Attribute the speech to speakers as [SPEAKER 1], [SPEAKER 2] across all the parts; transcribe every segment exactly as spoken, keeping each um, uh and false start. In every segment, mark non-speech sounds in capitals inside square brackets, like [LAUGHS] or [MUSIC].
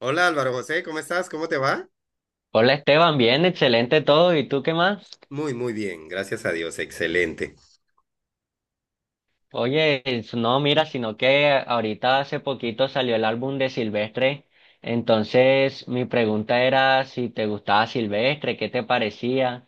[SPEAKER 1] Hola Álvaro José, ¿cómo estás? ¿Cómo te va?
[SPEAKER 2] Hola Esteban, bien, excelente todo. ¿Y tú qué más?
[SPEAKER 1] Muy, muy bien, gracias a Dios, excelente.
[SPEAKER 2] Oye, es- no, mira, sino que ahorita hace poquito salió el álbum de Silvestre. Entonces, mi pregunta era si te gustaba Silvestre, qué te parecía.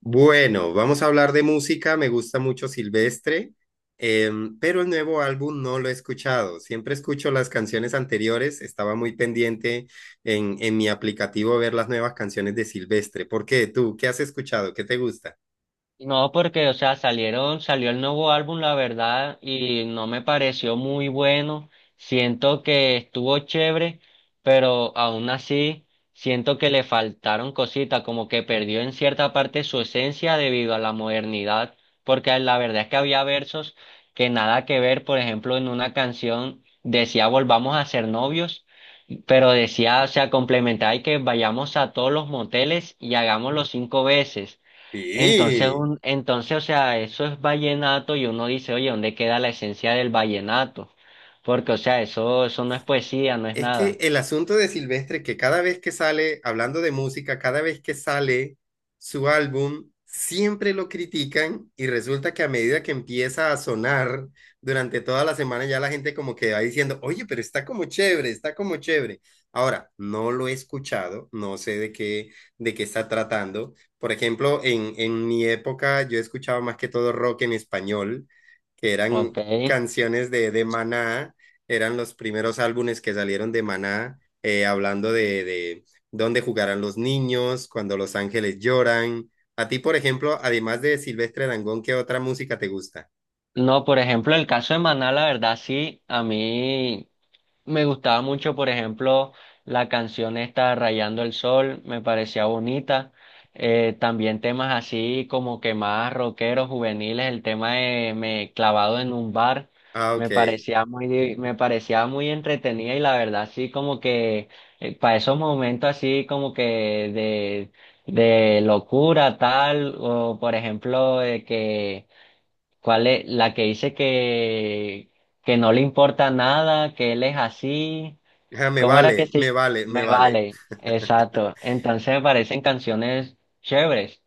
[SPEAKER 1] Bueno, vamos a hablar de música, me gusta mucho Silvestre, em, pero el nuevo álbum no lo he escuchado. Siempre escucho las canciones anteriores, estaba muy pendiente en, en mi aplicativo ver las nuevas canciones de Silvestre. ¿Por qué? ¿Tú qué has escuchado? ¿Qué te gusta?
[SPEAKER 2] No, porque, o sea, salieron, salió el nuevo álbum, la verdad, y no me pareció muy bueno. Siento que estuvo chévere, pero aún así siento que le faltaron cositas, como que perdió en cierta parte su esencia debido a la modernidad, porque la verdad es que había versos que nada que ver, por ejemplo, en una canción decía volvamos a ser novios. Pero decía, o sea, complementar y que vayamos a todos los moteles y hagámoslo cinco veces. Entonces,
[SPEAKER 1] Sí.
[SPEAKER 2] un, entonces, o sea, eso es vallenato y uno dice, oye, ¿dónde queda la esencia del vallenato? Porque, o sea, eso, eso no es poesía, no es
[SPEAKER 1] Es que
[SPEAKER 2] nada.
[SPEAKER 1] el asunto de Silvestre es que cada vez que sale, hablando de música, cada vez que sale su álbum, siempre lo critican y resulta que a medida que empieza a sonar durante toda la semana, ya la gente como que va diciendo, oye, pero está como chévere, está como chévere. Ahora, no lo he escuchado, no sé de qué, de qué está tratando. Por ejemplo, en, en mi época yo escuchaba más que todo rock en español, que
[SPEAKER 2] Ok.
[SPEAKER 1] eran canciones de, de Maná, eran los primeros álbumes que salieron de Maná, eh, hablando de, de dónde jugarán los niños, cuando los ángeles lloran. A ti, por ejemplo, además de Silvestre Dangond, ¿qué otra música te gusta?
[SPEAKER 2] No, por ejemplo, el caso de Maná, la verdad, sí, a mí. Me gustaba mucho, por ejemplo, la canción esta Rayando el Sol, me parecía bonita. Eh, también temas así como que más rockeros, juveniles, el tema de Me clavado en un bar,
[SPEAKER 1] Ah, ok.
[SPEAKER 2] me parecía muy, me parecía muy entretenida y la verdad sí como que para esos momentos así como que de, de locura tal, o por ejemplo de que ¿cuál es la que dice que, que no le importa nada, que él es así?
[SPEAKER 1] Ah, me
[SPEAKER 2] ¿Cómo era que
[SPEAKER 1] vale, me
[SPEAKER 2] sí?
[SPEAKER 1] vale, me
[SPEAKER 2] Me
[SPEAKER 1] vale.
[SPEAKER 2] vale,
[SPEAKER 1] [LAUGHS]
[SPEAKER 2] exacto. Entonces me parecen canciones chéveres.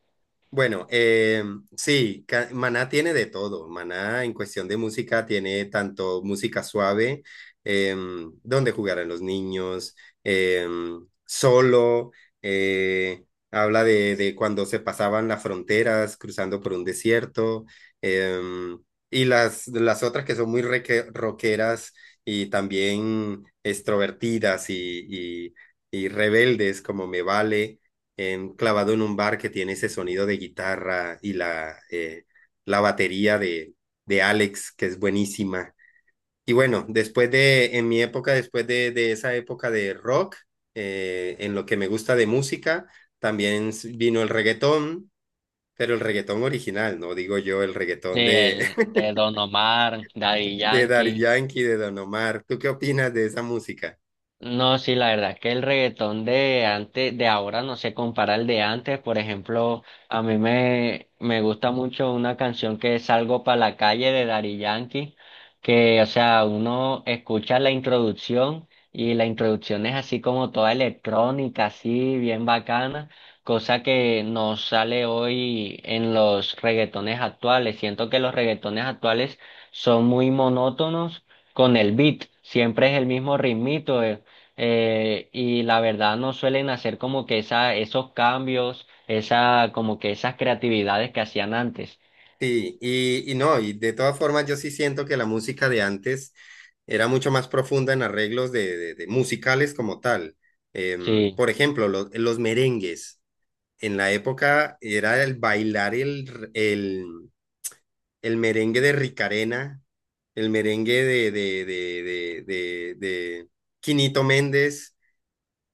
[SPEAKER 1] Bueno, eh, sí, ca- Maná tiene de todo. Maná en cuestión de música tiene tanto música suave, em, donde jugarán los niños, em, solo, eh, habla de, de cuando se pasaban las fronteras cruzando por un desierto, em, y las, las otras que son muy reque- rockeras y también extrovertidas y, y, y rebeldes como Me Vale enclavado en un bar que tiene ese sonido de guitarra y la, eh, la batería de, de Alex, que es buenísima. Y bueno, después de, en mi época, después de, de esa época de rock, eh, en lo que me gusta de música, también vino el reggaetón, pero el reggaetón original, no digo yo el
[SPEAKER 2] Sí,
[SPEAKER 1] reggaetón de,
[SPEAKER 2] el
[SPEAKER 1] [LAUGHS]
[SPEAKER 2] de Don Omar, Daddy
[SPEAKER 1] de Daddy
[SPEAKER 2] Yankee.
[SPEAKER 1] Yankee, de Don Omar. ¿Tú qué opinas de esa música?
[SPEAKER 2] No, sí, la verdad que el reggaetón de antes, de ahora no se compara al de antes. Por ejemplo, a mí me, me gusta mucho una canción que es Salgo para la calle de Daddy Yankee, que, o sea, uno escucha la introducción y la introducción es así como toda electrónica, así bien bacana, cosa que no sale hoy en los reggaetones actuales. Siento que los reggaetones actuales son muy monótonos con el beat. Siempre es el mismo ritmito. eh, eh, y la verdad no suelen hacer como que esa, esos cambios, esa, como que esas creatividades que hacían antes.
[SPEAKER 1] Sí, y, y no, y de todas formas yo sí siento que la música de antes era mucho más profunda en arreglos de, de- de musicales como tal. Em,
[SPEAKER 2] Sí,
[SPEAKER 1] por ejemplo, lo- los merengues. En la época era el bailar el, r- el, el merengue de Ricarena, el merengue de, de, de, de, de, de Quinito Méndez.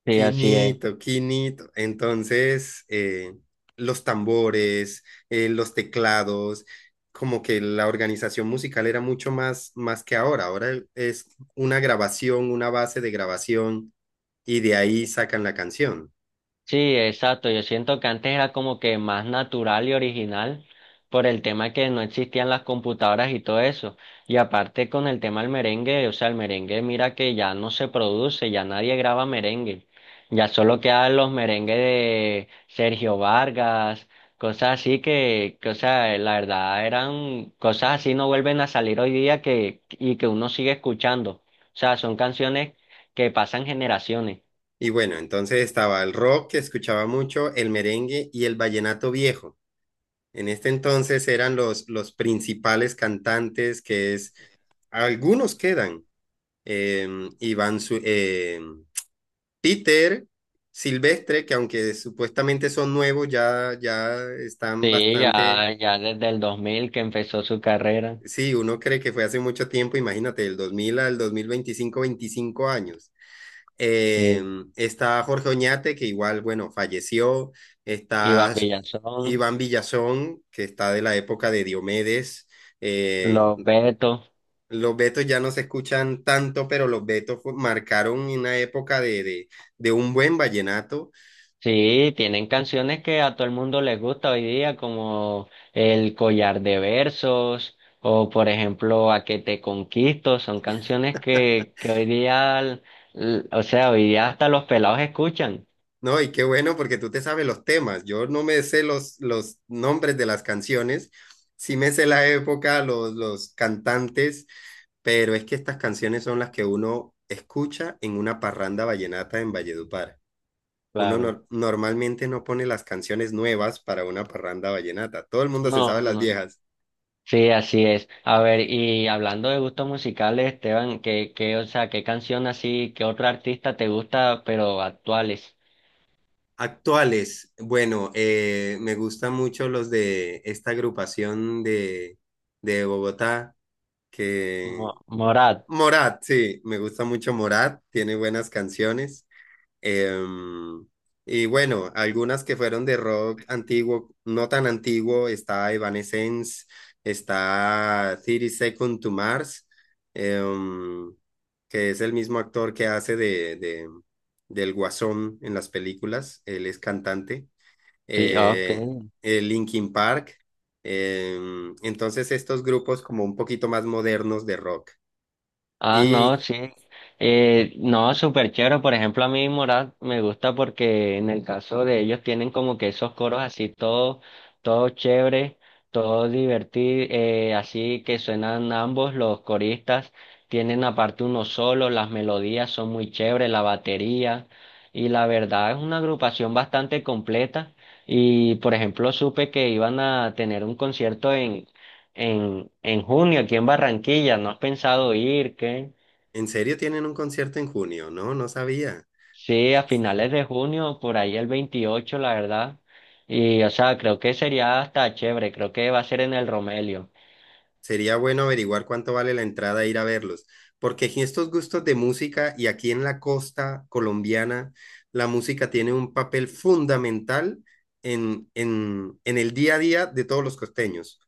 [SPEAKER 2] sí, así es.
[SPEAKER 1] Quinito, quinito. Entonces, eh, los tambores, eh, los teclados, como que la organización musical era mucho más, más que ahora. Ahora es una grabación, una base de grabación y de ahí sacan la canción.
[SPEAKER 2] Sí, exacto. Yo siento que antes era como que más natural y original por el tema que no existían las computadoras y todo eso. Y aparte con el tema del merengue, o sea, el merengue mira que ya no se produce, ya nadie graba merengue. Ya solo quedan los merengues de Sergio Vargas, cosas así que, que, o sea, la verdad eran cosas así no vuelven a salir hoy día que, y que uno sigue escuchando. O sea, son canciones que pasan generaciones.
[SPEAKER 1] Y bueno, entonces estaba el rock que escuchaba mucho, el merengue y el vallenato viejo. En este entonces eran los, los principales cantantes que es, algunos quedan, eh, Iván, Zu- eh, Títer, Silvestre, que aunque supuestamente son nuevos, ya, ya están
[SPEAKER 2] Sí, ya,
[SPEAKER 1] bastante,
[SPEAKER 2] ya desde el dos mil que empezó su carrera.
[SPEAKER 1] sí, uno cree que fue hace mucho tiempo, imagínate, del dos mil al dos mil veinticinco, veinticinco años. Eh,
[SPEAKER 2] Sí,
[SPEAKER 1] está Jorge Oñate, que igual, bueno, falleció.
[SPEAKER 2] Iván
[SPEAKER 1] Está
[SPEAKER 2] Villazón,
[SPEAKER 1] Iván Villazón, que está de la época de Diomedes. Eh,
[SPEAKER 2] los Betos.
[SPEAKER 1] los Betos ya no se escuchan tanto, pero los Betos fu- marcaron una época de, de, de un buen vallenato.
[SPEAKER 2] Sí, tienen canciones que a todo el mundo les gusta hoy día, como El Collar de Versos o, por ejemplo, A que te conquisto. Son canciones que, que hoy día, l- o sea, hoy día hasta los pelados escuchan.
[SPEAKER 1] No, y qué bueno porque tú te sabes los temas. Yo no me sé los, los nombres de las canciones, sí me sé la época, los, los cantantes, pero es que estas canciones son las que uno escucha en una parranda vallenata en Valledupar. Uno
[SPEAKER 2] Claro.
[SPEAKER 1] nor- normalmente no pone las canciones nuevas para una parranda vallenata. Todo el mundo se
[SPEAKER 2] No,
[SPEAKER 1] sabe las
[SPEAKER 2] no.
[SPEAKER 1] viejas.
[SPEAKER 2] Sí, así es. A ver, y hablando de gustos musicales, Esteban, ¿qué, qué, o sea, qué canción así, qué otro artista te gusta, pero actuales?
[SPEAKER 1] Actuales, bueno, eh, me gustan mucho los de esta agrupación de, de Bogotá que
[SPEAKER 2] Mo- Morat.
[SPEAKER 1] Morat, sí, me gusta mucho Morat, tiene buenas canciones. Em, y bueno, algunas que fueron de rock antiguo, no tan antiguo, está Evanescence, está treinta Seconds to Mars, em, que es el mismo actor que hace de, de- del Guasón en las películas, él es cantante.
[SPEAKER 2] Sí, ok.
[SPEAKER 1] Eh, eh, Linkin Park, em, entonces estos grupos como un poquito más modernos de rock.
[SPEAKER 2] Ah, no,
[SPEAKER 1] Y
[SPEAKER 2] sí. Eh, no, súper chévere. Por ejemplo, a mí Morat me gusta porque en el caso de ellos tienen como que esos coros así todo, todo chévere, todo divertido, eh, así que suenan ambos los coristas. Tienen aparte unos solos, las melodías son muy chéveres, la batería. Y la verdad es una agrupación bastante completa. Y por ejemplo, supe que iban a tener un concierto en, en junio aquí en Barranquilla. ¿No has pensado ir? ¿Qué?
[SPEAKER 1] ¿en serio tienen un concierto en junio? No, no sabía.
[SPEAKER 2] Sí, a finales de junio, por ahí el veintiocho la verdad. Y, o sea, creo que sería hasta chévere. Creo que va a ser en el Romelio.
[SPEAKER 1] Sería bueno averiguar cuánto vale la entrada e ir a verlos, porque aquí estos gustos de música y aquí en la costa colombiana, la música tiene un papel fundamental en, en, en el día a día de todos los costeños,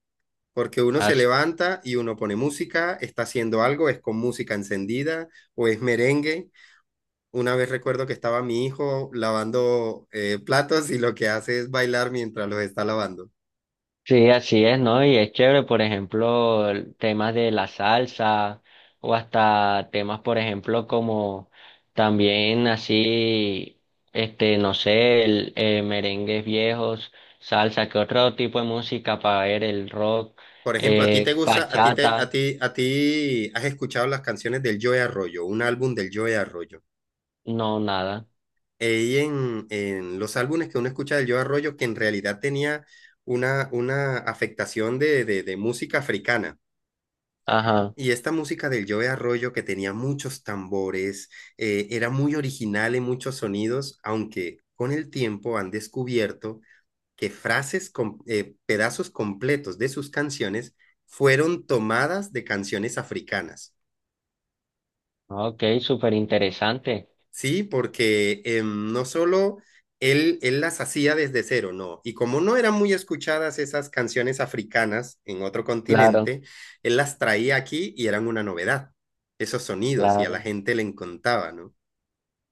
[SPEAKER 1] porque uno se levanta y uno pone música, está haciendo algo, es con música encendida o es merengue. Una vez recuerdo que estaba mi hijo lavando eh, platos y lo que hace es bailar mientras los está lavando.
[SPEAKER 2] Sí, así es, ¿no? Y es chévere, por ejemplo, el- temas de la salsa o hasta temas, por ejemplo, como también así, este, no sé, el, eh, merengues viejos, salsa, ¿qué otro tipo de música para ver? El rock,
[SPEAKER 1] Por ejemplo, a ti
[SPEAKER 2] eh,
[SPEAKER 1] te gusta, a ti te, a
[SPEAKER 2] bachata,
[SPEAKER 1] ti, a ti has escuchado las canciones del Joe Arroyo, un álbum del Joe Arroyo.
[SPEAKER 2] no, nada.
[SPEAKER 1] Y en, en los álbumes que uno escucha del Joe Arroyo, que en realidad tenía una, una afectación de, de, de música africana.
[SPEAKER 2] Ajá,
[SPEAKER 1] Y esta música del Joe Arroyo, que tenía muchos tambores, eh, era muy original en muchos sonidos, aunque con el tiempo han descubierto que frases, com- eh, pedazos completos de sus canciones fueron tomadas de canciones africanas,
[SPEAKER 2] ok, súper interesante.
[SPEAKER 1] ¿sí? Porque em, no solo él, él las hacía desde cero, no. Y como no eran muy escuchadas esas canciones africanas en otro
[SPEAKER 2] Claro,
[SPEAKER 1] continente, él las traía aquí y eran una novedad, esos sonidos, y a la
[SPEAKER 2] claro.
[SPEAKER 1] gente le encantaba, ¿no?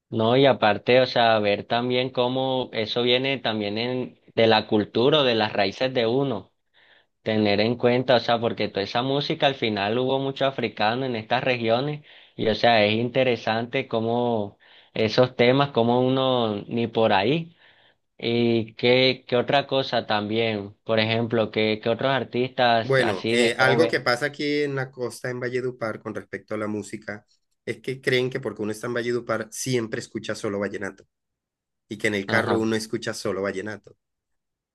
[SPEAKER 2] No, y aparte, o sea, ver también cómo eso viene también en, de la cultura o de las raíces de uno, tener en cuenta, o sea, porque toda esa música al final hubo mucho africano en estas regiones y, o sea, es interesante cómo esos temas, cómo uno ni por ahí. Y qué, qué otra cosa también, por ejemplo, que qué qué otros artistas
[SPEAKER 1] Bueno,
[SPEAKER 2] así de
[SPEAKER 1] eh, algo que
[SPEAKER 2] joven.
[SPEAKER 1] pasa aquí en la costa, en Valledupar, con respecto a la música, es que creen que porque uno está en Valledupar siempre escucha solo vallenato, y que en el carro
[SPEAKER 2] Ajá.
[SPEAKER 1] uno escucha solo vallenato.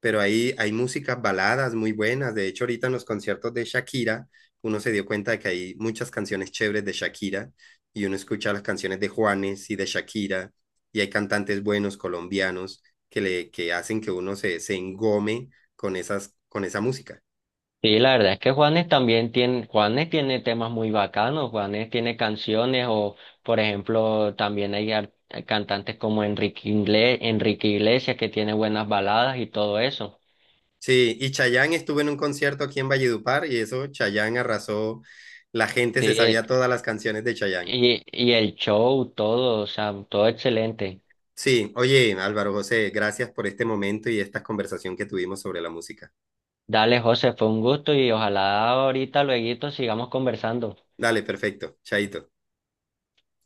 [SPEAKER 1] Pero ahí hay músicas baladas muy buenas. De hecho, ahorita en los conciertos de Shakira, uno se dio cuenta de que hay muchas canciones chéveres de Shakira y uno escucha las canciones de Juanes y de Shakira y hay cantantes buenos colombianos que, le, que hacen que uno se, se engome con, esas, con esa música.
[SPEAKER 2] Sí, la verdad es que Juanes también tiene, Juanes tiene temas muy bacanos, Juanes tiene canciones o, por ejemplo, también hay ar- cantantes como Enrique Ingle- Enrique Iglesias que tiene buenas baladas y todo eso.
[SPEAKER 1] Sí, y Chayanne estuvo en un concierto aquí en Valledupar y eso, Chayanne arrasó, la gente
[SPEAKER 2] Sí,
[SPEAKER 1] se
[SPEAKER 2] eh,
[SPEAKER 1] sabía todas las canciones de Chayanne.
[SPEAKER 2] y, y el show, todo, o sea, todo excelente.
[SPEAKER 1] Sí, oye, Álvaro José, gracias por este momento y esta conversación que tuvimos sobre la música.
[SPEAKER 2] Dale, José, fue un gusto y ojalá ahorita, luego sigamos conversando.
[SPEAKER 1] Dale, perfecto. Chaito.